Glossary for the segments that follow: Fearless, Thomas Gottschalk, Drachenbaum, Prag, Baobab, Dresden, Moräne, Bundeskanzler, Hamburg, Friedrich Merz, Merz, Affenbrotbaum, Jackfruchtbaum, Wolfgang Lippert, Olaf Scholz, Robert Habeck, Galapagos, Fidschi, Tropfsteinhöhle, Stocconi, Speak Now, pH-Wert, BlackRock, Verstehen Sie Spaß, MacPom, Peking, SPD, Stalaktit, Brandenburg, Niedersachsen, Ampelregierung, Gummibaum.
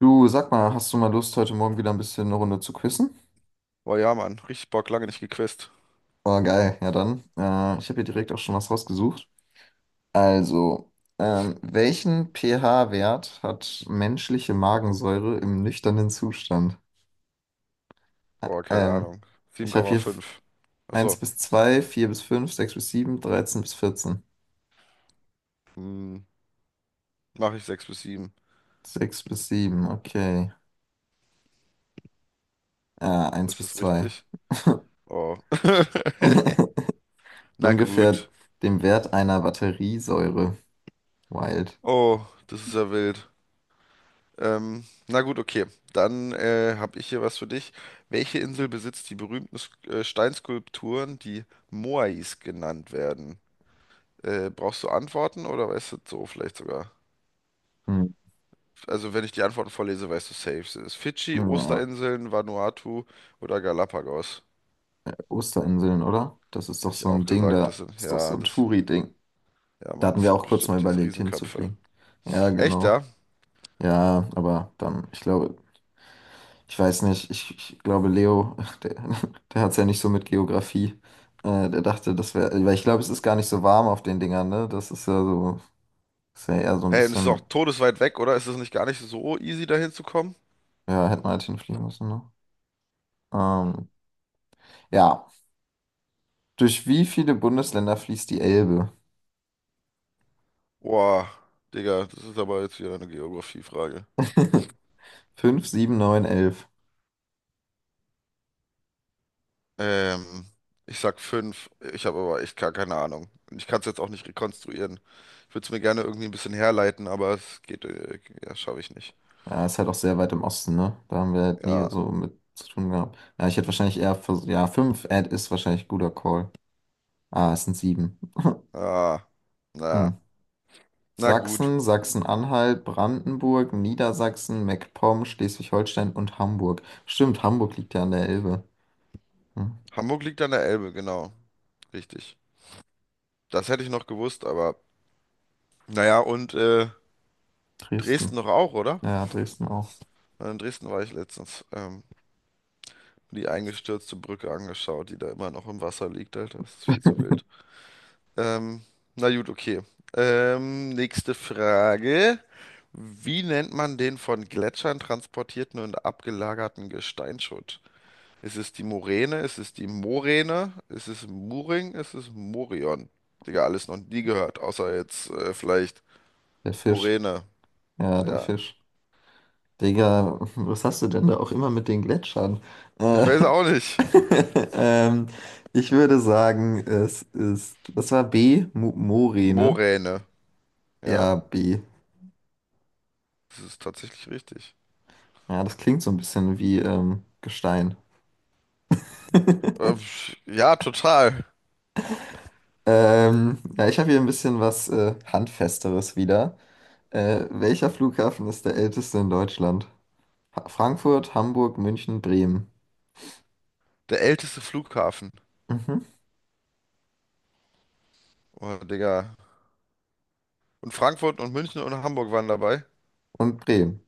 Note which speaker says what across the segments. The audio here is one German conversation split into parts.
Speaker 1: Du, sag mal, hast du mal Lust, heute Morgen wieder ein bisschen eine Runde zu quizzen?
Speaker 2: Boah, ja, Mann. Richtig Bock, lange nicht gequizt.
Speaker 1: Oh, geil, ja dann. Ich habe hier direkt auch schon was rausgesucht. Also, welchen pH-Wert hat menschliche Magensäure im nüchternen Zustand? Ä-
Speaker 2: Boah, keine
Speaker 1: Ähm,
Speaker 2: Ahnung.
Speaker 1: ich habe hier f-
Speaker 2: 7,5.
Speaker 1: 1
Speaker 2: Achso.
Speaker 1: bis 2, 4 bis fünf, sechs bis sieben, 13 bis 14.
Speaker 2: Hm, mache ich 6 bis 7.
Speaker 1: Sechs bis 7. Okay. Eins
Speaker 2: Ist
Speaker 1: bis
Speaker 2: das
Speaker 1: zwei.
Speaker 2: richtig? Oh. Na
Speaker 1: Ungefähr
Speaker 2: gut.
Speaker 1: dem Wert einer Batteriesäure. Wild.
Speaker 2: Oh, das ist ja wild. Na gut, okay. Dann habe ich hier was für dich. Welche Insel besitzt die berühmten Steinskulpturen, die Moais genannt werden? Brauchst du Antworten oder weißt du es so vielleicht sogar?
Speaker 1: Hm.
Speaker 2: Also wenn ich die Antworten vorlese, weißt du safe. Sind es Fidschi,
Speaker 1: Ja.
Speaker 2: Osterinseln, Vanuatu oder Galapagos?
Speaker 1: Osterinseln, oder? Das ist doch
Speaker 2: Hätte ich
Speaker 1: so ein
Speaker 2: auch
Speaker 1: Ding,
Speaker 2: gesagt,
Speaker 1: da ist doch so ein
Speaker 2: das sind,
Speaker 1: Touri-Ding.
Speaker 2: ja,
Speaker 1: Da
Speaker 2: Mann,
Speaker 1: hatten
Speaker 2: das
Speaker 1: wir
Speaker 2: sind
Speaker 1: auch kurz mal
Speaker 2: bestimmt diese
Speaker 1: überlegt,
Speaker 2: Riesenköpfe.
Speaker 1: hinzufliegen. Ja,
Speaker 2: Echt,
Speaker 1: genau.
Speaker 2: ja?
Speaker 1: Ja, aber dann, ich glaube, ich weiß nicht, ich glaube, Leo, der, der hat es ja nicht so mit Geografie. Der dachte, das wäre, weil ich glaube, es ist gar nicht so warm auf den Dingern, ne? Das ist ja so, ist ja eher so ein
Speaker 2: Hey, und es ist auch
Speaker 1: bisschen,
Speaker 2: todesweit weg, oder? Ist es nicht gar nicht so easy, da hinzukommen?
Speaker 1: ja, hätten wir halt hinfliegen müssen, ne? Ähm, ja, durch wie viele Bundesländer fließt die Elbe?
Speaker 2: Boah, Digga, das ist aber jetzt wieder eine Geografiefrage.
Speaker 1: Fünf, sieben, neun, 11.
Speaker 2: Ähm, Ich sag fünf. Ich habe aber echt gar keine Ahnung. Und ich kann es jetzt auch nicht rekonstruieren. Ich würde es mir gerne irgendwie ein bisschen herleiten, aber es geht, ja, schaffe ich nicht.
Speaker 1: Ja, ist halt auch sehr weit im Osten, ne? Da haben wir halt nie
Speaker 2: Ja,
Speaker 1: so mit zu tun gehabt. Ja, ich hätte wahrscheinlich ja, fünf Ad ist wahrscheinlich guter Call. Ah, es sind sieben.
Speaker 2: ah,
Speaker 1: Hm.
Speaker 2: na. Na gut.
Speaker 1: Sachsen, Sachsen-Anhalt, Brandenburg, Niedersachsen, MacPom, Schleswig-Holstein und Hamburg. Stimmt, Hamburg liegt ja an der Elbe. Hm.
Speaker 2: Hamburg liegt an der Elbe, genau. Richtig. Das hätte ich noch gewusst, aber naja, und Dresden
Speaker 1: Dresden.
Speaker 2: noch auch, oder?
Speaker 1: Ja, Dresden auch.
Speaker 2: Ja, in Dresden war ich letztens. Die eingestürzte Brücke angeschaut, die da immer noch im Wasser liegt, Alter. Das ist viel zu wild. Ähm, na gut, okay. Nächste Frage. Wie nennt man den von Gletschern transportierten und abgelagerten Gesteinsschutt? Ist es die Moräne? Ist es die Moräne? Ist es Muring? Ist es Morion? Digga, alles noch nie gehört, außer jetzt vielleicht
Speaker 1: Der Fisch.
Speaker 2: Moräne.
Speaker 1: Ja, der
Speaker 2: Ja,
Speaker 1: Fisch. Digga, was hast du denn da auch immer mit den Gletschern?
Speaker 2: ich
Speaker 1: Äh,
Speaker 2: weiß auch nicht.
Speaker 1: ähm, ich würde sagen, es ist, das war B, Mo Mori, ne?
Speaker 2: Moräne. Ja,
Speaker 1: Ja, B.
Speaker 2: das ist tatsächlich richtig.
Speaker 1: Ja, das klingt so ein bisschen wie Gestein.
Speaker 2: Ähm, ja, total.
Speaker 1: Ja, ich habe hier ein bisschen was Handfesteres wieder. Welcher Flughafen ist der älteste in Deutschland? Ha Frankfurt, Hamburg, München, Bremen.
Speaker 2: Der älteste Flughafen.
Speaker 1: Mhm.
Speaker 2: Oh, Digga. Und Frankfurt und München und Hamburg waren dabei.
Speaker 1: Und Bremen.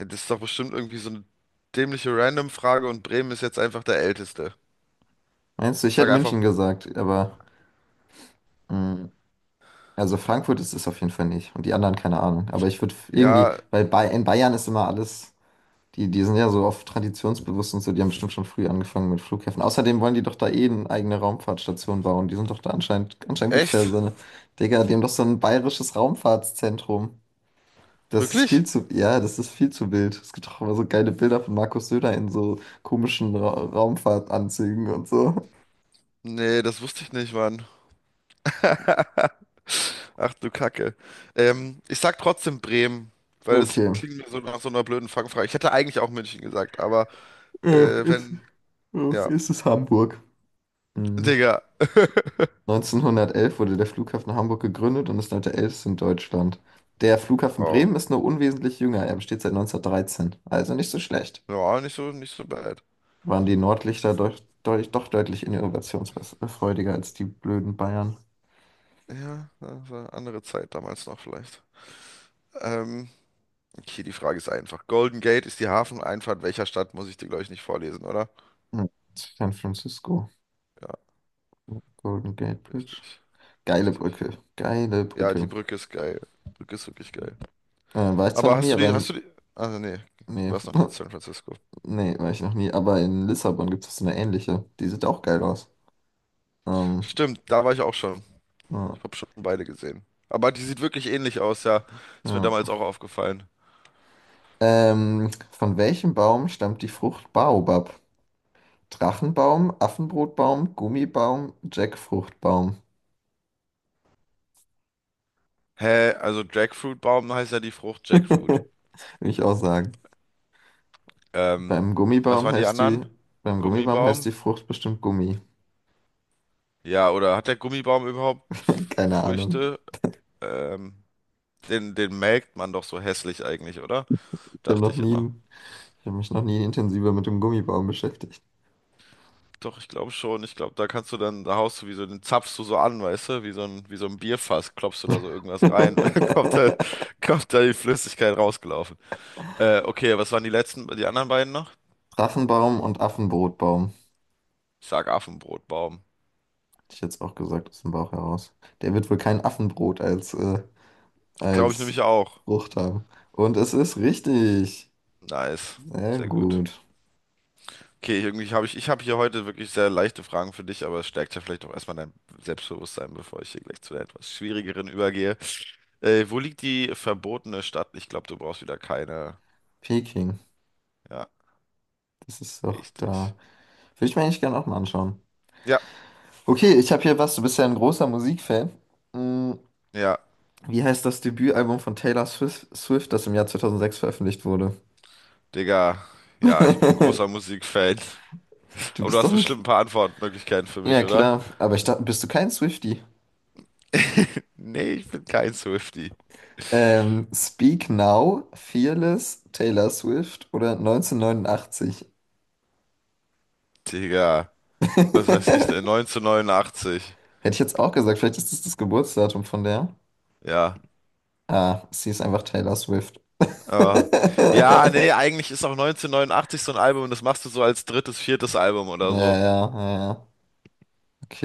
Speaker 2: Ja, das ist doch bestimmt irgendwie so eine dämliche Random-Frage und Bremen ist jetzt einfach der älteste.
Speaker 1: Meinst du,
Speaker 2: Ich
Speaker 1: ich
Speaker 2: sag
Speaker 1: hätte
Speaker 2: einfach,
Speaker 1: München gesagt, aber mm, also Frankfurt ist es auf jeden Fall nicht. Und die anderen, keine Ahnung. Aber ich würde irgendwie,
Speaker 2: ja,
Speaker 1: weil bei, in Bayern ist immer alles, die sind ja so oft traditionsbewusst und so, die haben bestimmt schon früh angefangen mit Flughäfen. Außerdem wollen die doch da eh eine eigene Raumfahrtstation bauen. Die sind doch da anscheinend, anscheinend gibt es ja
Speaker 2: echt?
Speaker 1: so eine, Digga, die haben doch so ein bayerisches Raumfahrtszentrum. Das ist
Speaker 2: Wirklich?
Speaker 1: viel zu, ja, das ist viel zu wild. Es gibt doch immer so geile Bilder von Markus Söder in so komischen Ra Raumfahrtanzügen und so.
Speaker 2: Nee, das wusste ich nicht, Mann. Ach du Kacke. Ich sag trotzdem Bremen, weil es
Speaker 1: Okay.
Speaker 2: klingt mir so nach so einer blöden Fangfrage. Ich hätte eigentlich auch München gesagt, aber
Speaker 1: Äh, ist,
Speaker 2: wenn, ja.
Speaker 1: ist es Hamburg? Mhm.
Speaker 2: Digga.
Speaker 1: 1911 wurde der Flughafen Hamburg gegründet und ist heute der älteste in Deutschland. Der Flughafen
Speaker 2: Wow.
Speaker 1: Bremen ist nur unwesentlich jünger, er besteht seit 1913, also nicht so schlecht.
Speaker 2: Ja, nicht so, nicht so bad.
Speaker 1: Waren die Nordlichter doch, doch, doch deutlich innovationsfreudiger als die blöden Bayern.
Speaker 2: Ja, das war eine andere Zeit damals noch vielleicht. Ähm, okay, die Frage ist einfach. Golden Gate ist die Hafeneinfahrt welcher Stadt? Muss ich dir, glaube ich, nicht vorlesen, oder?
Speaker 1: Hm. San Francisco,
Speaker 2: Ja,
Speaker 1: Golden Gate Bridge.
Speaker 2: richtig.
Speaker 1: Geile
Speaker 2: Richtig.
Speaker 1: Brücke, geile
Speaker 2: Ja, die
Speaker 1: Brücke.
Speaker 2: Brücke ist geil. Brücke ist wirklich geil.
Speaker 1: War ich zwar
Speaker 2: Aber
Speaker 1: noch nie,
Speaker 2: hast du
Speaker 1: aber
Speaker 2: die, hast
Speaker 1: in...
Speaker 2: du die? Also nee, du
Speaker 1: Nee,
Speaker 2: warst noch nicht in San Francisco.
Speaker 1: nee, war ich noch nie, aber in Lissabon gibt es so eine ähnliche. Die sieht auch geil aus. Ähm,
Speaker 2: Stimmt, da war ich auch schon.
Speaker 1: ja,
Speaker 2: Ich habe schon beide gesehen. Aber die sieht wirklich ähnlich aus, ja. Ist mir
Speaker 1: ja.
Speaker 2: damals auch aufgefallen.
Speaker 1: Von welchem Baum stammt die Frucht Baobab? Drachenbaum, Affenbrotbaum, Gummibaum, Jackfruchtbaum.
Speaker 2: Hä, also Jackfruitbaum heißt ja die Frucht Jackfruit.
Speaker 1: Will ich auch sagen.
Speaker 2: Ähm,
Speaker 1: Beim
Speaker 2: was
Speaker 1: Gummibaum
Speaker 2: waren die
Speaker 1: heißt die,
Speaker 2: anderen?
Speaker 1: beim Gummibaum heißt
Speaker 2: Gummibaum?
Speaker 1: die Frucht bestimmt Gummi.
Speaker 2: Ja, oder hat der Gummibaum überhaupt
Speaker 1: Keine Ahnung.
Speaker 2: Früchte? Ähm, den, den melkt man doch so hässlich eigentlich, oder?
Speaker 1: Ich habe
Speaker 2: Dachte
Speaker 1: noch
Speaker 2: ich immer.
Speaker 1: nie, ich habe mich noch nie intensiver mit dem Gummibaum beschäftigt.
Speaker 2: Doch, ich glaube schon. Ich glaube, da kannst du dann, da haust du wie so, den zapfst du so an, weißt du, wie so ein Bierfass, klopfst du da so irgendwas rein, und dann kommt da die Flüssigkeit rausgelaufen. Okay, was waren die letzten, die anderen beiden noch?
Speaker 1: Drachenbaum und Affenbrotbaum.
Speaker 2: Ich sag Affenbrotbaum.
Speaker 1: Hätte ich jetzt auch gesagt, aus dem Bauch heraus. Der wird wohl kein Affenbrot
Speaker 2: Glaube ich
Speaker 1: als
Speaker 2: nämlich auch.
Speaker 1: Frucht haben. Und es ist richtig.
Speaker 2: Nice.
Speaker 1: Sehr
Speaker 2: Sehr gut.
Speaker 1: gut.
Speaker 2: Okay, irgendwie habe ich, ich habe hier heute wirklich sehr leichte Fragen für dich, aber es stärkt ja vielleicht auch erstmal dein Selbstbewusstsein, bevor ich hier gleich zu der etwas schwierigeren übergehe. Wo liegt die verbotene Stadt? Ich glaube, du brauchst wieder keine.
Speaker 1: Peking.
Speaker 2: Ja,
Speaker 1: Das ist doch
Speaker 2: richtig.
Speaker 1: da. Würde ich mir eigentlich gerne auch mal anschauen.
Speaker 2: Ja.
Speaker 1: Okay, ich habe hier was. Du bist ja ein großer Musikfan. Mm,
Speaker 2: Ja,
Speaker 1: Wie heißt das Debütalbum von Taylor Swift, das im Jahr 2006 veröffentlicht wurde?
Speaker 2: Digga, ja, ich bin ein großer Musikfan.
Speaker 1: Du
Speaker 2: Aber du
Speaker 1: bist
Speaker 2: hast
Speaker 1: doch ein...
Speaker 2: bestimmt ein paar Antwortmöglichkeiten für
Speaker 1: Ja,
Speaker 2: mich, oder?
Speaker 1: klar. Aber ich dachte, bist du kein Swiftie?
Speaker 2: Nee, ich bin kein Swiftie.
Speaker 1: Speak Now, Fearless, Taylor Swift oder 1989?
Speaker 2: Digga, was
Speaker 1: Hätte
Speaker 2: weiß ich denn? 1989.
Speaker 1: ich jetzt auch gesagt, vielleicht ist das das Geburtsdatum von der.
Speaker 2: Ja.
Speaker 1: Ah, sie ist einfach Taylor Swift.
Speaker 2: Oh. Ja, nee, eigentlich ist auch 1989 so ein Album und das machst du so als drittes, viertes Album oder
Speaker 1: Ja,
Speaker 2: so.
Speaker 1: ja, ja, ja.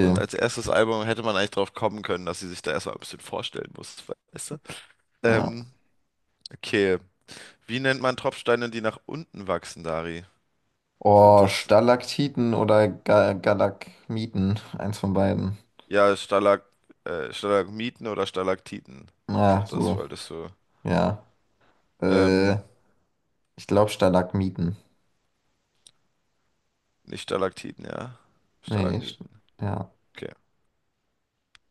Speaker 2: Und als erstes Album hätte man eigentlich drauf kommen können, dass sie sich da erstmal ein bisschen vorstellen muss, weißt du?
Speaker 1: Ja.
Speaker 2: Ähm, okay. Wie nennt man Tropfsteine, die nach unten wachsen, Dari? Sind
Speaker 1: Oh,
Speaker 2: es
Speaker 1: Stalaktiten oder Ga Galakmiten. Eins von beiden.
Speaker 2: Ja, Stalagmiten oder Stalaktiten. Ich
Speaker 1: Ah,
Speaker 2: glaube, das
Speaker 1: so.
Speaker 2: wolltest du.
Speaker 1: Ja. Äh,
Speaker 2: Ähm,
Speaker 1: Ich glaube Stalagmiten.
Speaker 2: nicht Stalaktiten, ja.
Speaker 1: Nee,
Speaker 2: Stalagmiten.
Speaker 1: ja.
Speaker 2: Okay,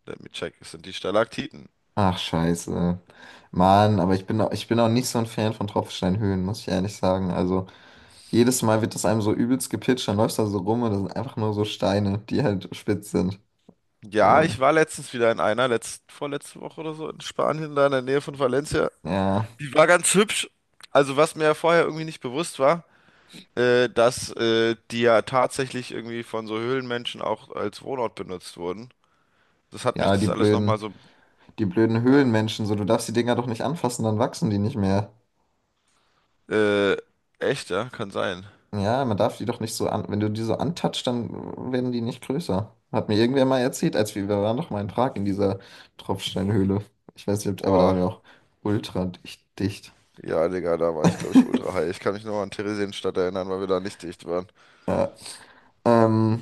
Speaker 2: let me check. Es sind die Stalaktiten.
Speaker 1: Ach, scheiße. Mann, aber ich bin auch nicht so ein Fan von Tropfsteinhöhlen, muss ich ehrlich sagen. Also, jedes Mal wird das einem so übelst gepitcht, dann läufst du da so rum und das sind einfach nur so Steine, die halt spitz sind.
Speaker 2: Ja,
Speaker 1: Oh,
Speaker 2: ich war letztens wieder in einer, vorletzte Woche oder so, in Spanien, da in der Nähe von Valencia.
Speaker 1: ja.
Speaker 2: Die war ganz hübsch. Also, was mir ja vorher irgendwie nicht bewusst war, dass die ja tatsächlich irgendwie von so Höhlenmenschen auch als Wohnort benutzt wurden. Das hat mich
Speaker 1: Ja, die
Speaker 2: das alles nochmal
Speaker 1: blöden.
Speaker 2: so.
Speaker 1: Die blöden
Speaker 2: Ja,
Speaker 1: Höhlenmenschen, so, du darfst die Dinger doch nicht anfassen, dann wachsen die nicht mehr.
Speaker 2: äh, echt, ja, kann sein.
Speaker 1: Ja, man darf die doch nicht so an, wenn du die so antatschst, dann werden die nicht größer. Hat mir irgendwer mal erzählt, als wir waren doch mal in Prag in dieser Tropfsteinhöhle. Ich weiß nicht, aber da waren
Speaker 2: Boah.
Speaker 1: wir auch ultra dicht. Dicht.
Speaker 2: Ja, Digga, da war ich, glaube ich, ultra high. Ich kann mich nur an Theresienstadt erinnern, weil wir da nicht dicht waren.
Speaker 1: Ja. Ähm,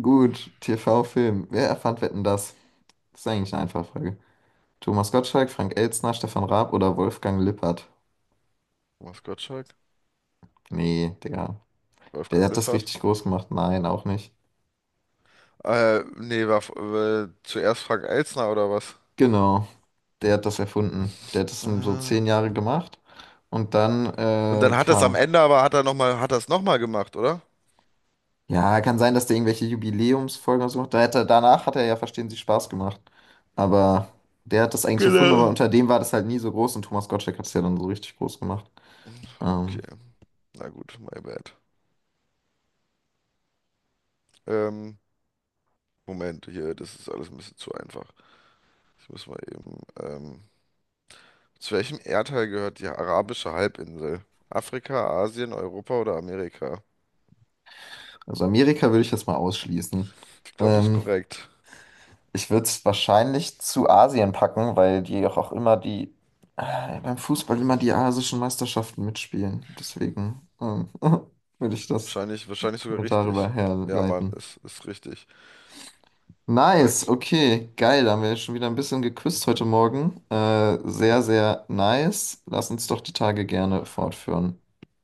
Speaker 1: gut, TV-Film. Wer erfand Wetten, das? Das ist eigentlich eine einfache Frage. Thomas Gottschalk, Frank Elstner, Stefan Raab oder Wolfgang Lippert?
Speaker 2: Thomas Gottschalk?
Speaker 1: Nee, Digga. Der
Speaker 2: Wolfgang
Speaker 1: hat das
Speaker 2: Lippert?
Speaker 1: richtig groß gemacht. Nein, auch nicht.
Speaker 2: Nee, war zuerst Frank Elstner oder was?
Speaker 1: Genau. Der hat das erfunden. Der hat das so
Speaker 2: Ah.
Speaker 1: 10 Jahre gemacht. Und dann
Speaker 2: Und dann hat das am
Speaker 1: kam.
Speaker 2: Ende aber, hat er noch mal, hat das nochmal gemacht, oder?
Speaker 1: Ja, kann sein, dass der irgendwelche Jubiläumsfolgen oder so macht. Danach hat er ja Verstehen Sie Spaß gemacht. Aber der hat das eigentlich erfunden, aber
Speaker 2: Genau.
Speaker 1: unter dem war das halt nie so groß und Thomas Gottschalk hat es ja dann so richtig groß gemacht. Ähm,
Speaker 2: Okay, na gut, my bad. Ähm, Moment, hier, das ist alles ein bisschen zu einfach. Ich muss mal eben, zu welchem Erdteil gehört die arabische Halbinsel? Afrika, Asien, Europa oder Amerika?
Speaker 1: also Amerika würde ich jetzt mal ausschließen.
Speaker 2: Ich glaube, es ist
Speaker 1: Ähm,
Speaker 2: korrekt.
Speaker 1: Ich würde es wahrscheinlich zu Asien packen, weil die auch immer beim Fußball immer die asischen Meisterschaften mitspielen. Deswegen würde ich das.
Speaker 2: Wahrscheinlich, wahrscheinlich sogar
Speaker 1: Wir darüber
Speaker 2: richtig. Ja, Mann,
Speaker 1: herleiten.
Speaker 2: ist richtig.
Speaker 1: Nice,
Speaker 2: Korrekt.
Speaker 1: okay, geil. Da haben wir schon wieder ein bisschen geküsst heute Morgen. Sehr, sehr nice. Lass uns doch die Tage gerne fortführen.